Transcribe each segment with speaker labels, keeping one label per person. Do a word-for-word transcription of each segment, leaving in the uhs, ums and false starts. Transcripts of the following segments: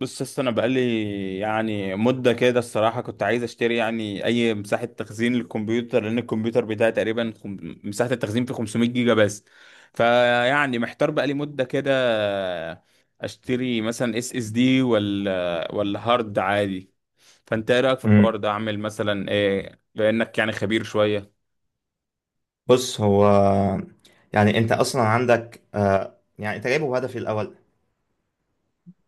Speaker 1: بص يا اسطى، انا بقالي يعني مده كده. الصراحه كنت عايز اشتري يعني اي مساحه تخزين للكمبيوتر، لان الكمبيوتر بتاعي تقريبا خم... مساحه التخزين فيه 500 جيجا بس. فيعني محتار بقالي مده كده، اشتري مثلا اس اس دي ولا ولا هارد عادي. فانت ايه رايك في
Speaker 2: مم.
Speaker 1: الحوار ده؟ اعمل مثلا ايه؟ بانك يعني خبير شويه.
Speaker 2: بص هو يعني انت اصلا عندك آه يعني انت جايبه بهدف إيه الاول؟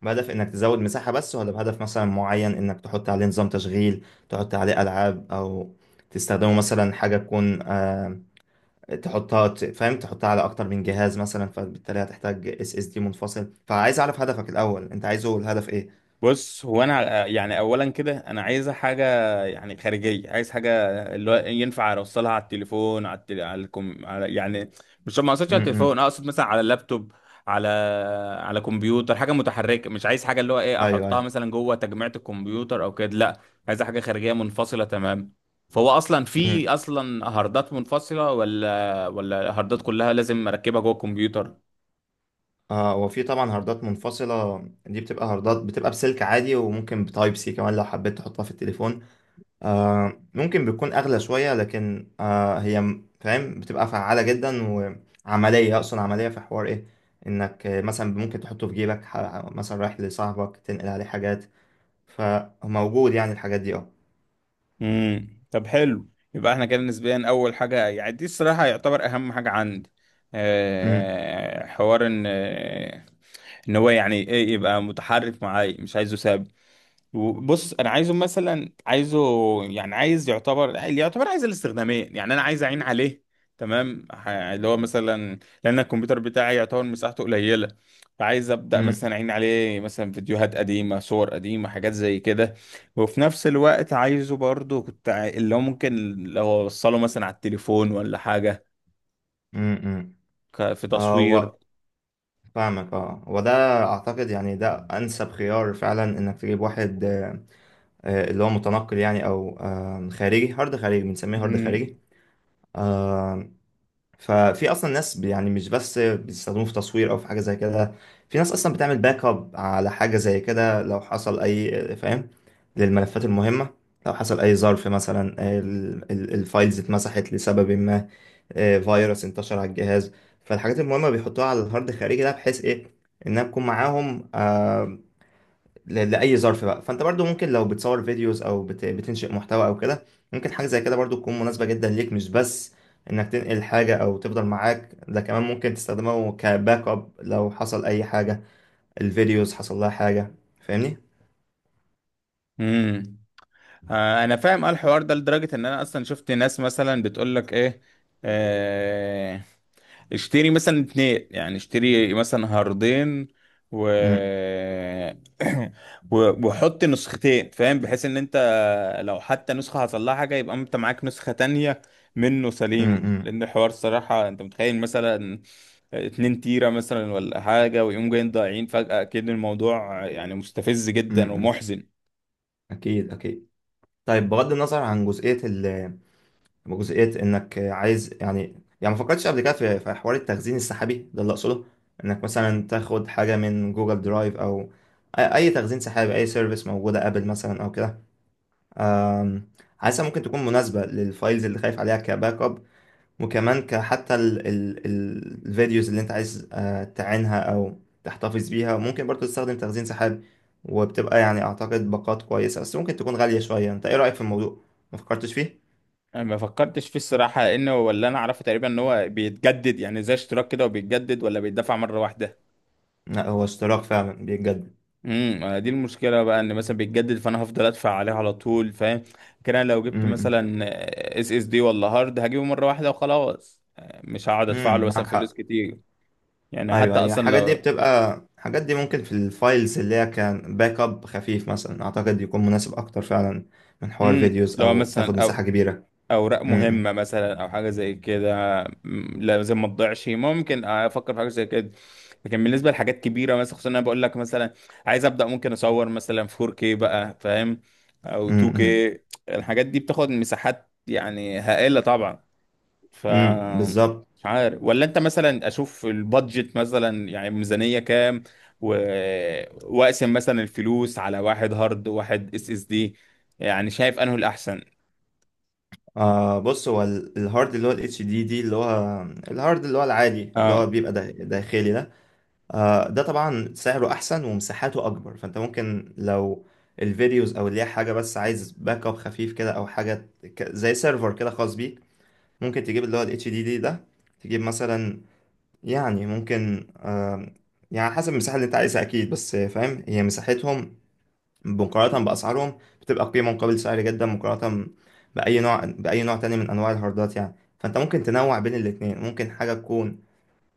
Speaker 2: بهدف انك تزود مساحة بس، ولا بهدف مثلا معين انك تحط عليه نظام تشغيل، تحط عليه العاب، او تستخدمه مثلا حاجة تكون آه تحطها ت- فاهم، تحطها على اكتر من جهاز مثلا، فبالتالي هتحتاج اس اس دي منفصل. فعايز اعرف هدفك الاول، انت عايزه الهدف ايه؟
Speaker 1: بص، هو انا يعني اولا كده انا عايزه حاجه، يعني خارجيه، عايز حاجه اللي هو ينفع اوصلها على التليفون، على التل... على, الكم... على يعني، مش، ما اقصدش على
Speaker 2: امم.
Speaker 1: التليفون، اقصد مثلا على اللابتوب، على على كمبيوتر، حاجه متحركه، مش عايز حاجه اللي هو ايه
Speaker 2: ايوه
Speaker 1: احطها
Speaker 2: ايوه.
Speaker 1: مثلا جوه تجميعة الكمبيوتر او كده، لا، عايز حاجه خارجيه منفصله تمام. فهو اصلا في
Speaker 2: امم.
Speaker 1: اصلا هاردات منفصله ولا ولا هاردات كلها لازم اركبها جوه الكمبيوتر؟
Speaker 2: آه، وفي طبعا هاردات منفصلة. دي بتبقى هاردات، بتبقى بسلك عادي، وممكن بتايب سي كمان لو حبيت تحطها في التليفون. آه، ممكن بتكون أغلى شوية، لكن آه، هي م- فاهم بتبقى فعالة جدا وعملية. أقصد عملية في حوار إيه، إنك آه، مثلا ممكن تحطه في جيبك، ح- مثلا رايح لصاحبك تنقل عليه حاجات، فموجود يعني الحاجات دي أه.
Speaker 1: امم. طب حلو، يبقى احنا كده نسبيا اول حاجه يعني دي الصراحه يعتبر اهم حاجه عندي.
Speaker 2: أمم،
Speaker 1: أه حوار ان آه، ان هو يعني ايه، يبقى متحرك معايا، مش عايزه ثابت. بص انا عايزه مثلا عايزه يعني عايز يعتبر اللي يعتبر عايز الاستخدامين، يعني انا عايز اعين عليه تمام. ح- اللي هو مثلا لان الكمبيوتر بتاعي يعتبر مساحته قليله، فعايز ابدا مثلا
Speaker 2: أمم،
Speaker 1: اعين عليه مثلا فيديوهات قديمه، صور قديمه، حاجات زي كده. وفي نفس الوقت عايزه برضو، كنت عاي- اللي هو ممكن لو اوصله مثلا على التليفون ولا حاجه،
Speaker 2: أمم، أمم.
Speaker 1: ك- في
Speaker 2: آه
Speaker 1: تصوير.
Speaker 2: و... فاهمك. اه، وده أعتقد يعني ده أنسب خيار فعلا، إنك تجيب واحد آه، آه، اللي هو متنقل يعني، أو آه، خارجي. هارد خارجي بنسميه، هارد خارجي. آه، ففي اصلا ناس ب- يعني مش بس بيستخدموه في تصوير او في حاجه زي كده، في ناس اصلا بتعمل باك اب على حاجه زي كده لو حصل اي، فاهم، للملفات المهمه. لو حصل اي ظرف مثلا ال- ال- الفايلز اتمسحت لسبب ما، آه، فيروس انتشر على الجهاز، فالحاجات المهمه بيحطوها على الهارد الخارجي ده، بحيث ايه، انها تكون معاهم آه، ل- لأي ظرف بقى. فأنت برضو ممكن لو بتصور فيديوز، أو بت... بتنشئ محتوى أو كده، ممكن حاجة زي كده برضو تكون مناسبة جدا ليك، مش بس إنك تنقل حاجة أو تفضل معاك، ده كمان ممكن تستخدمه كباك أب لو حصل أي حاجة، الفيديوز حصل لها حاجة. فاهمني؟
Speaker 1: امم. آه، انا فاهم اه الحوار ده لدرجه ان انا اصلا شفت ناس مثلا بتقول لك ايه: آه، اشتري مثلا اتنين، يعني اشتري مثلا هاردين، و...
Speaker 2: أمم،
Speaker 1: و- وحط نسختين، فاهم؟ بحيث ان انت لو حتى نسخه حصل لها حاجه يبقى انت معاك نسخه تانية منه
Speaker 2: أمم،
Speaker 1: سليم.
Speaker 2: أمم،
Speaker 1: لان الحوار الصراحه، انت متخيل مثلا اتنين تيرة مثلا ولا حاجة ويقوم جايين ضايعين فجأة؟ أكيد الموضوع يعني مستفز جدا
Speaker 2: أمم،
Speaker 1: ومحزن.
Speaker 2: أكيد أكيد. طيب، بغض النظر عن جزئية ال جزئية انك عايز يعني، يعني ما فكرتش قبل كده في في حوار التخزين السحابي ده؟ اللي اقصده انك مثلا تاخد حاجة من جوجل درايف، او أي أي تخزين سحابي، أي سيرفيس موجودة، أبل مثلا أو كده. أم، حاسسها ممكن تكون مناسبة للفايلز اللي خايف عليها كباك أب، وكمان كحتى ال ال ال الفيديوز اللي أنت عايز آه، تعينها أو تحتفظ بيها ممكن برضو تستخدم تخزين سحابي. وبتبقى يعني أعتقد باقات كويسة، بس ممكن تكون غالية شوية. أنت إيه رأيك في الموضوع؟ ما فكرتش فيه؟
Speaker 1: انا ما فكرتش فيه الصراحه، لانه ولا انا اعرفه تقريبا، ان هو بيتجدد يعني زي اشتراك كده وبيتجدد ولا بيدفع مره واحده.
Speaker 2: لا، هو اشتراك فعلا بجد.
Speaker 1: امم، دي المشكله بقى، ان مثلا بيتجدد، فانا هفضل ادفع عليه على طول، فاهم؟ كده لو جبت
Speaker 2: امم.
Speaker 1: مثلا اس اس دي ولا هارد هجيبه مره واحده وخلاص، مش هقعد ادفع له
Speaker 2: امم،
Speaker 1: مثلا
Speaker 2: معاك
Speaker 1: فلوس
Speaker 2: حق.
Speaker 1: كتير. يعني حتى
Speaker 2: ايوه، هي
Speaker 1: اصلا
Speaker 2: الحاجات دي
Speaker 1: لو...
Speaker 2: بتبقى، الحاجات دي ممكن في الفايلز اللي هي كان باك اب خفيف مثلا، اعتقد يكون مناسب اكتر فعلا من حوار
Speaker 1: امم
Speaker 2: فيديوز
Speaker 1: لو
Speaker 2: او تاخد
Speaker 1: مثلا
Speaker 2: مساحة
Speaker 1: او
Speaker 2: كبيرة.
Speaker 1: اوراق
Speaker 2: امم.
Speaker 1: مهمه مثلا او حاجه زي كده، م- لازم ما تضيعش، ممكن افكر في حاجه زي كده. لكن بالنسبه لحاجات كبيره مثلا، خصوصا انا بقول لك مثلا عايز ابدا ممكن اصور مثلا فور كيه بقى، فاهم؟ او
Speaker 2: امم. امم،
Speaker 1: تو كيه. الحاجات دي بتاخد مساحات يعني هائله طبعا. ف...
Speaker 2: امم، بالظبط.
Speaker 1: مش عارف، ولا انت مثلا اشوف البادجت مثلا يعني ميزانيه كام، و... واقسم مثلا الفلوس على واحد هارد وواحد اس اس دي، يعني شايف انه الاحسن؟
Speaker 2: آه، بص هو ال- الهارد اللي هو الاتش دي دي، اللي هو الهارد اللي هو العادي، اللي هو
Speaker 1: اه،
Speaker 2: بيبقى دا- داخلي ده، آه ده طبعا سعره احسن ومساحته اكبر. فانت ممكن لو الفيديوز، او اللي هي حاجه بس عايز باك اب خفيف كده او حاجه، ك- زي سيرفر كده خاص بيك، ممكن تجيب اللي هو ال إتش دي دي ده. تجيب مثلا، يعني ممكن آم، يعني حسب المساحة اللي انت عايزها اكيد، بس فاهم، هي مساحتهم مقارنة بأسعارهم بتبقى قيمة مقابل سعر جدا، مقارنة بأي نوع، بأي نوع تاني من أنواع الهاردات يعني. فانت ممكن تنوع بين الاتنين، ممكن حاجة تكون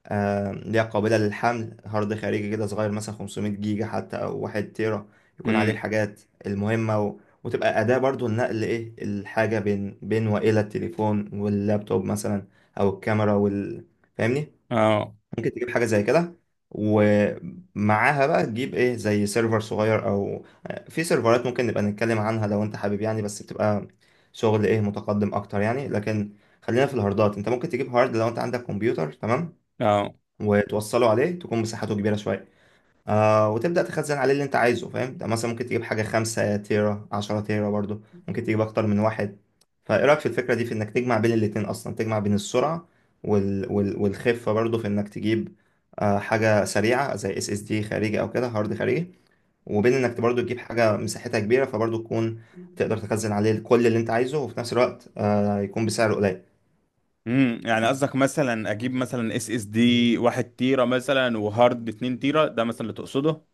Speaker 2: آه، اللي هي قابلة للحمل، هارد خارجي كده صغير مثلا خمسمية جيجا حتى أو واحد تيرا، يكون عليه الحاجات المهمة، و... وتبقى أداة برضو لنقل إيه، الحاجة بين بين وإلى التليفون واللابتوب مثلا، أو الكاميرا وال... فاهمني؟
Speaker 1: اه،
Speaker 2: ممكن تجيب حاجة زي كده، ومعاها بقى تجيب إيه، زي سيرفر صغير، أو آه، في سيرفرات ممكن نبقى نتكلم عنها لو أنت حابب يعني، بس بتبقى شغل إيه، متقدم أكتر يعني. لكن خلينا في الهاردات. أنت ممكن تجيب هارد لو أنت عندك كمبيوتر تمام،
Speaker 1: اه.
Speaker 2: وتوصله عليه، تكون مساحته كبيرة شوية، آه، وتبدأ تخزن عليه اللي انت عايزه، فاهم. ده مثلا ممكن تجيب حاجة خمسة تيرا، عشرة تيرا برضو، ممكن تجيب أكتر من واحد. فإيه رأيك في الفكرة دي، في إنك تجمع بين الاتنين أصلا، تجمع بين السرعة وال... وال... والخفة برضو، في إنك تجيب آه حاجة سريعة زي اس اس دي خارجي أو كده، هارد خارجي، وبين إنك برضو تجيب حاجة مساحتها كبيرة، فبرضو تكون تقدر تخزن عليه كل اللي انت عايزه، وفي نفس الوقت آه يكون بسعر قليل.
Speaker 1: امم، يعني قصدك مثلا اجيب مثلا اس اس دي واحد تيرة مثلا وهارد اتنين تيرة، ده مثلا اللي تقصده؟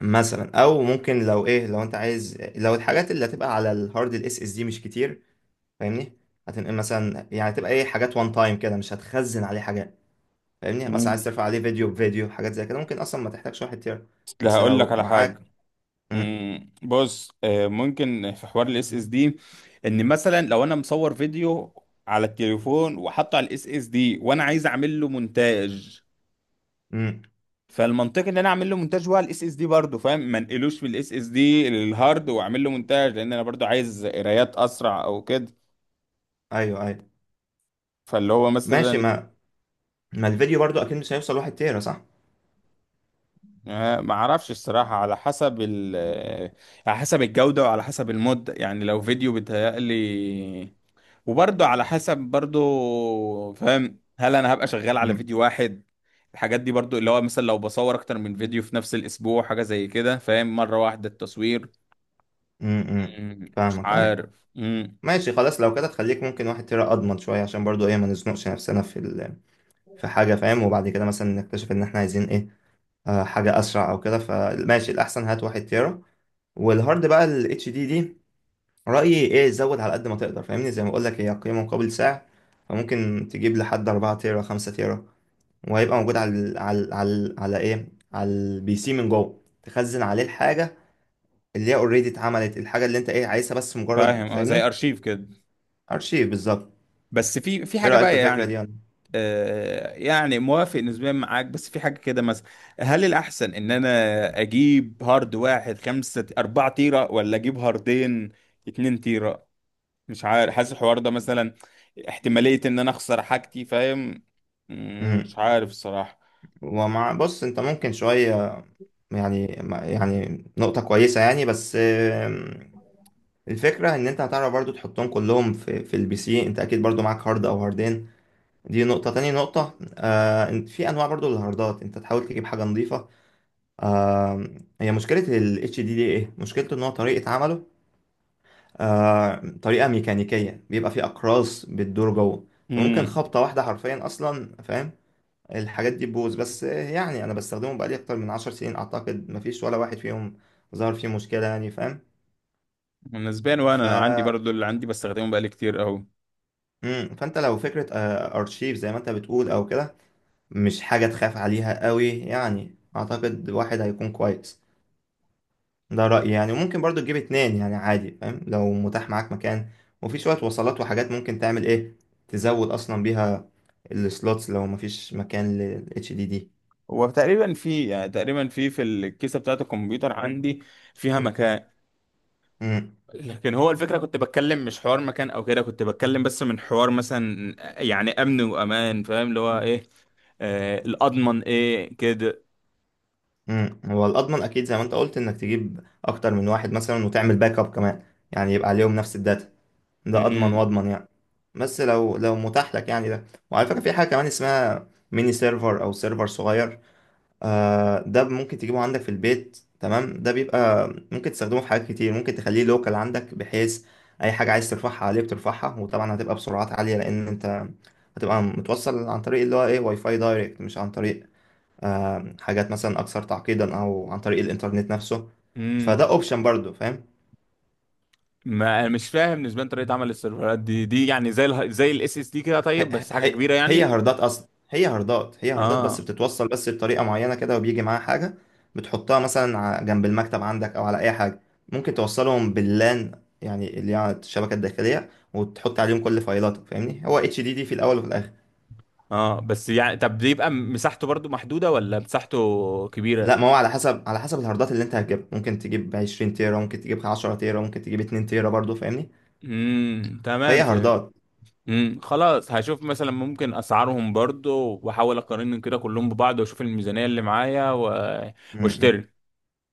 Speaker 2: مثلا، او ممكن لو ايه، لو انت عايز، لو الحاجات اللي هتبقى على الهارد الاس اس دي مش كتير، فاهمني، هتنقل مثلا، يعني تبقى ايه، حاجات وان تايم كده، مش هتخزن عليه حاجات، فاهمني. مثلا
Speaker 1: مم.
Speaker 2: عايز ترفع عليه فيديو بفيديو حاجات زي كده، ممكن اصلا ما تحتاجش واحد تيرا،
Speaker 1: اصل
Speaker 2: بس
Speaker 1: هقول
Speaker 2: لو
Speaker 1: لك على
Speaker 2: معاك.
Speaker 1: حاجة.
Speaker 2: امم.
Speaker 1: مم. بص، آه، ممكن في حوار الاس اس دي، ان مثلا لو انا مصور فيديو على التليفون وحاطه على الاس اس دي وانا عايز اعمل له مونتاج،
Speaker 2: امم.
Speaker 1: فالمنطقي ان انا اعمل له مونتاج هو على الاس اس دي برضه، فاهم؟ ما انقلوش من الاس اس دي للهارد واعمل له مونتاج، لان انا برضه عايز قرايات اسرع او كده.
Speaker 2: ايوه ايوه.
Speaker 1: فاللي هو
Speaker 2: ماشي.
Speaker 1: مثلا...
Speaker 2: ما ما الفيديو برضو اكيد مش هيوصل واحد تيرا، صح؟
Speaker 1: آه، ما اعرفش الصراحة، على حسب ال آه، على حسب الجودة وعلى حسب المدة، يعني لو فيديو بيتهيألي، وبرضه على حسب، برضه فاهم هل انا هبقى شغال على
Speaker 2: امم.
Speaker 1: فيديو واحد. الحاجات دي برضه اللي هو مثلا لو بصور اكتر من فيديو في نفس الاسبوع، حاجة زي كده، فاهم؟ مرة واحدة التصوير.
Speaker 2: امم،
Speaker 1: مم، مش
Speaker 2: فاهمك، ايوه.
Speaker 1: عارف مم،
Speaker 2: ماشي خلاص، لو كده تخليك ممكن واحد تيرا اضمن شويه، عشان برضو ايه، ما نزنقش نفسنا في ال... في حاجه، فاهم، وبعد كده مثلا نكتشف ان احنا عايزين ايه، آه، حاجة أسرع أو كده. فماشي، الأحسن هات واحد تيرا. والهارد بقى ال اتش دي دي، رأيي إيه، زود على قد ما تقدر، فاهمني، زي ما بقولك هي قيمة مقابل سعر. فممكن تجيب لحد أربعة تيرا، خمسة تيرا، وهيبقى موجود على ال على ال على, ال على إيه، على البي سي من جوه، تخزن عليه الحاجة اللي هي أوريدي اتعملت، الحاجة اللي أنت إيه عايزها، بس
Speaker 1: فاهم،
Speaker 2: مجرد،
Speaker 1: اه، زي
Speaker 2: فاهمني.
Speaker 1: ارشيف كده.
Speaker 2: أرشيف بالظبط.
Speaker 1: بس في في
Speaker 2: إيه
Speaker 1: حاجة
Speaker 2: رأيك في
Speaker 1: بقى
Speaker 2: الفكرة دي
Speaker 1: يعني.
Speaker 2: يعني؟
Speaker 1: آه، يعني موافق نسبيا معاك، بس في حاجة كده مثلا: هل الأحسن إن أنا أجيب هارد واحد خمسة أربعة تيرة، ولا أجيب هاردين اتنين تيرة؟ مش عارف، حاسس الحوار ده مثلا احتمالية إن أنا أخسر حاجتي، فاهم؟ مم، مش
Speaker 2: مم.
Speaker 1: عارف الصراحة.
Speaker 2: ومع، بص أنت ممكن شوية يعني، يعني نقطة كويسة يعني، بس الفكرة ان انت هتعرف برضو تحطهم كلهم في, في البي سي، انت اكيد برضو معاك هارد او هاردين، دي نقطة. تاني نقطة آه، إن في انواع برضو للهاردات، انت تحاول تجيب حاجة نظيفة آه. هي مشكلة ال إتش دي دي ايه مشكلته، ان هو طريقة عمله آه، طريقة ميكانيكية، بيبقى فيه اقراص بتدور جوه، فممكن
Speaker 1: امم.
Speaker 2: خبطة واحدة حرفيا اصلا، فاهم، الحاجات دي تبوظ. بس آه، يعني انا بستخدمه بقالي اكتر من عشر سنين، اعتقد مفيش ولا واحد فيهم ظهر فيه مشكلة يعني، فاهم.
Speaker 1: نسبيا،
Speaker 2: ف
Speaker 1: وأنا أنا عندي برضو، اللي عندي بستخدمه بقالي كتير أوي.
Speaker 2: امم، فانت لو فكره آه، ارشيف زي ما انت بتقول او كده، مش حاجه تخاف عليها قوي يعني، اعتقد واحد هيكون كويس، ده رايي يعني. وممكن برضو تجيب اتنين يعني عادي، فاهم، لو متاح معاك مكان، وفي شويه وصلات وحاجات، ممكن تعمل ايه، تزود اصلا بيها السلوتس لو مفيش مكان للاتش دي دي.
Speaker 1: هو تقريبا في، يعني تقريبا في في الكيسة بتاعة الكمبيوتر عندي فيها مكان.
Speaker 2: امم.
Speaker 1: لكن هو الفكرة كنت بتكلم مش حوار مكان أو كده، كنت بتكلم بس من حوار مثلا يعني أمن وأمان، فاهم؟ اللي هو إيه آه الأضمن إيه كده.
Speaker 2: امم، هو الاضمن اكيد زي ما انت قلت، انك تجيب اكتر من واحد مثلا وتعمل باك اب كمان، يعني يبقى عليهم نفس الداتا، ده اضمن
Speaker 1: امم،
Speaker 2: واضمن يعني. بس لو لو متاح لك يعني ده. وعلى فكرة في حاجة كمان اسمها ميني سيرفر أو سيرفر صغير، آه، ده ممكن تجيبه عندك في البيت، تمام، ده بيبقى ممكن تستخدمه في حاجات كتير، ممكن تخليه لوكال عندك، بحيث أي حاجة عايز ترفعها عليه بترفعها، وطبعا هتبقى بسرعات عالية، لأن أنت هتبقى متوصل عن طريق اللي هو إيه، واي فاي دايركت، مش عن طريق آه حاجات مثلا أكثر تعقيدا، أو عن طريق الإنترنت نفسه.
Speaker 1: امم.
Speaker 2: فده أوبشن برضو، فاهم.
Speaker 1: ما أنا مش فاهم نسبيا طريقة عمل السيرفرات دي دي يعني زي ال زي الاس اس دي كده، طيب
Speaker 2: هي
Speaker 1: بس حاجة
Speaker 2: هي
Speaker 1: كبيرة
Speaker 2: هي
Speaker 1: يعني؟
Speaker 2: هاردات اصلا، هي هاردات هي هاردات، بس
Speaker 1: اه.
Speaker 2: بتتوصل بس بطريقه معينه كده، وبيجي معاها حاجه بتحطها مثلا ع- جنب المكتب عندك او على اي حاجه، ممكن توصلهم باللان، يعني اللي هي على الشبكه الداخليه، وتحط عليهم كل فايلاتك، فاهمني. هو اتش دي دي في الاول وفي الاخر.
Speaker 1: اه، بس يعني طب دي يبقى مساحته برضو محدودة ولا مساحته
Speaker 2: لا،
Speaker 1: كبيرة؟
Speaker 2: ما هو على حسب، على حسب الهاردات اللي انت هتجيبها، ممكن تجيب عشرين تيرا، ممكن تجيب عشرة تيرا، ممكن تجيب اتنين تيرا برضو، فاهمني.
Speaker 1: امم،
Speaker 2: فهي
Speaker 1: تمام، فهمت.
Speaker 2: هاردات.
Speaker 1: امم، خلاص، هشوف مثلا ممكن اسعارهم برضو واحاول اقارنهم كده كلهم ببعض واشوف الميزانية اللي معايا، و...
Speaker 2: م- م.
Speaker 1: واشتري.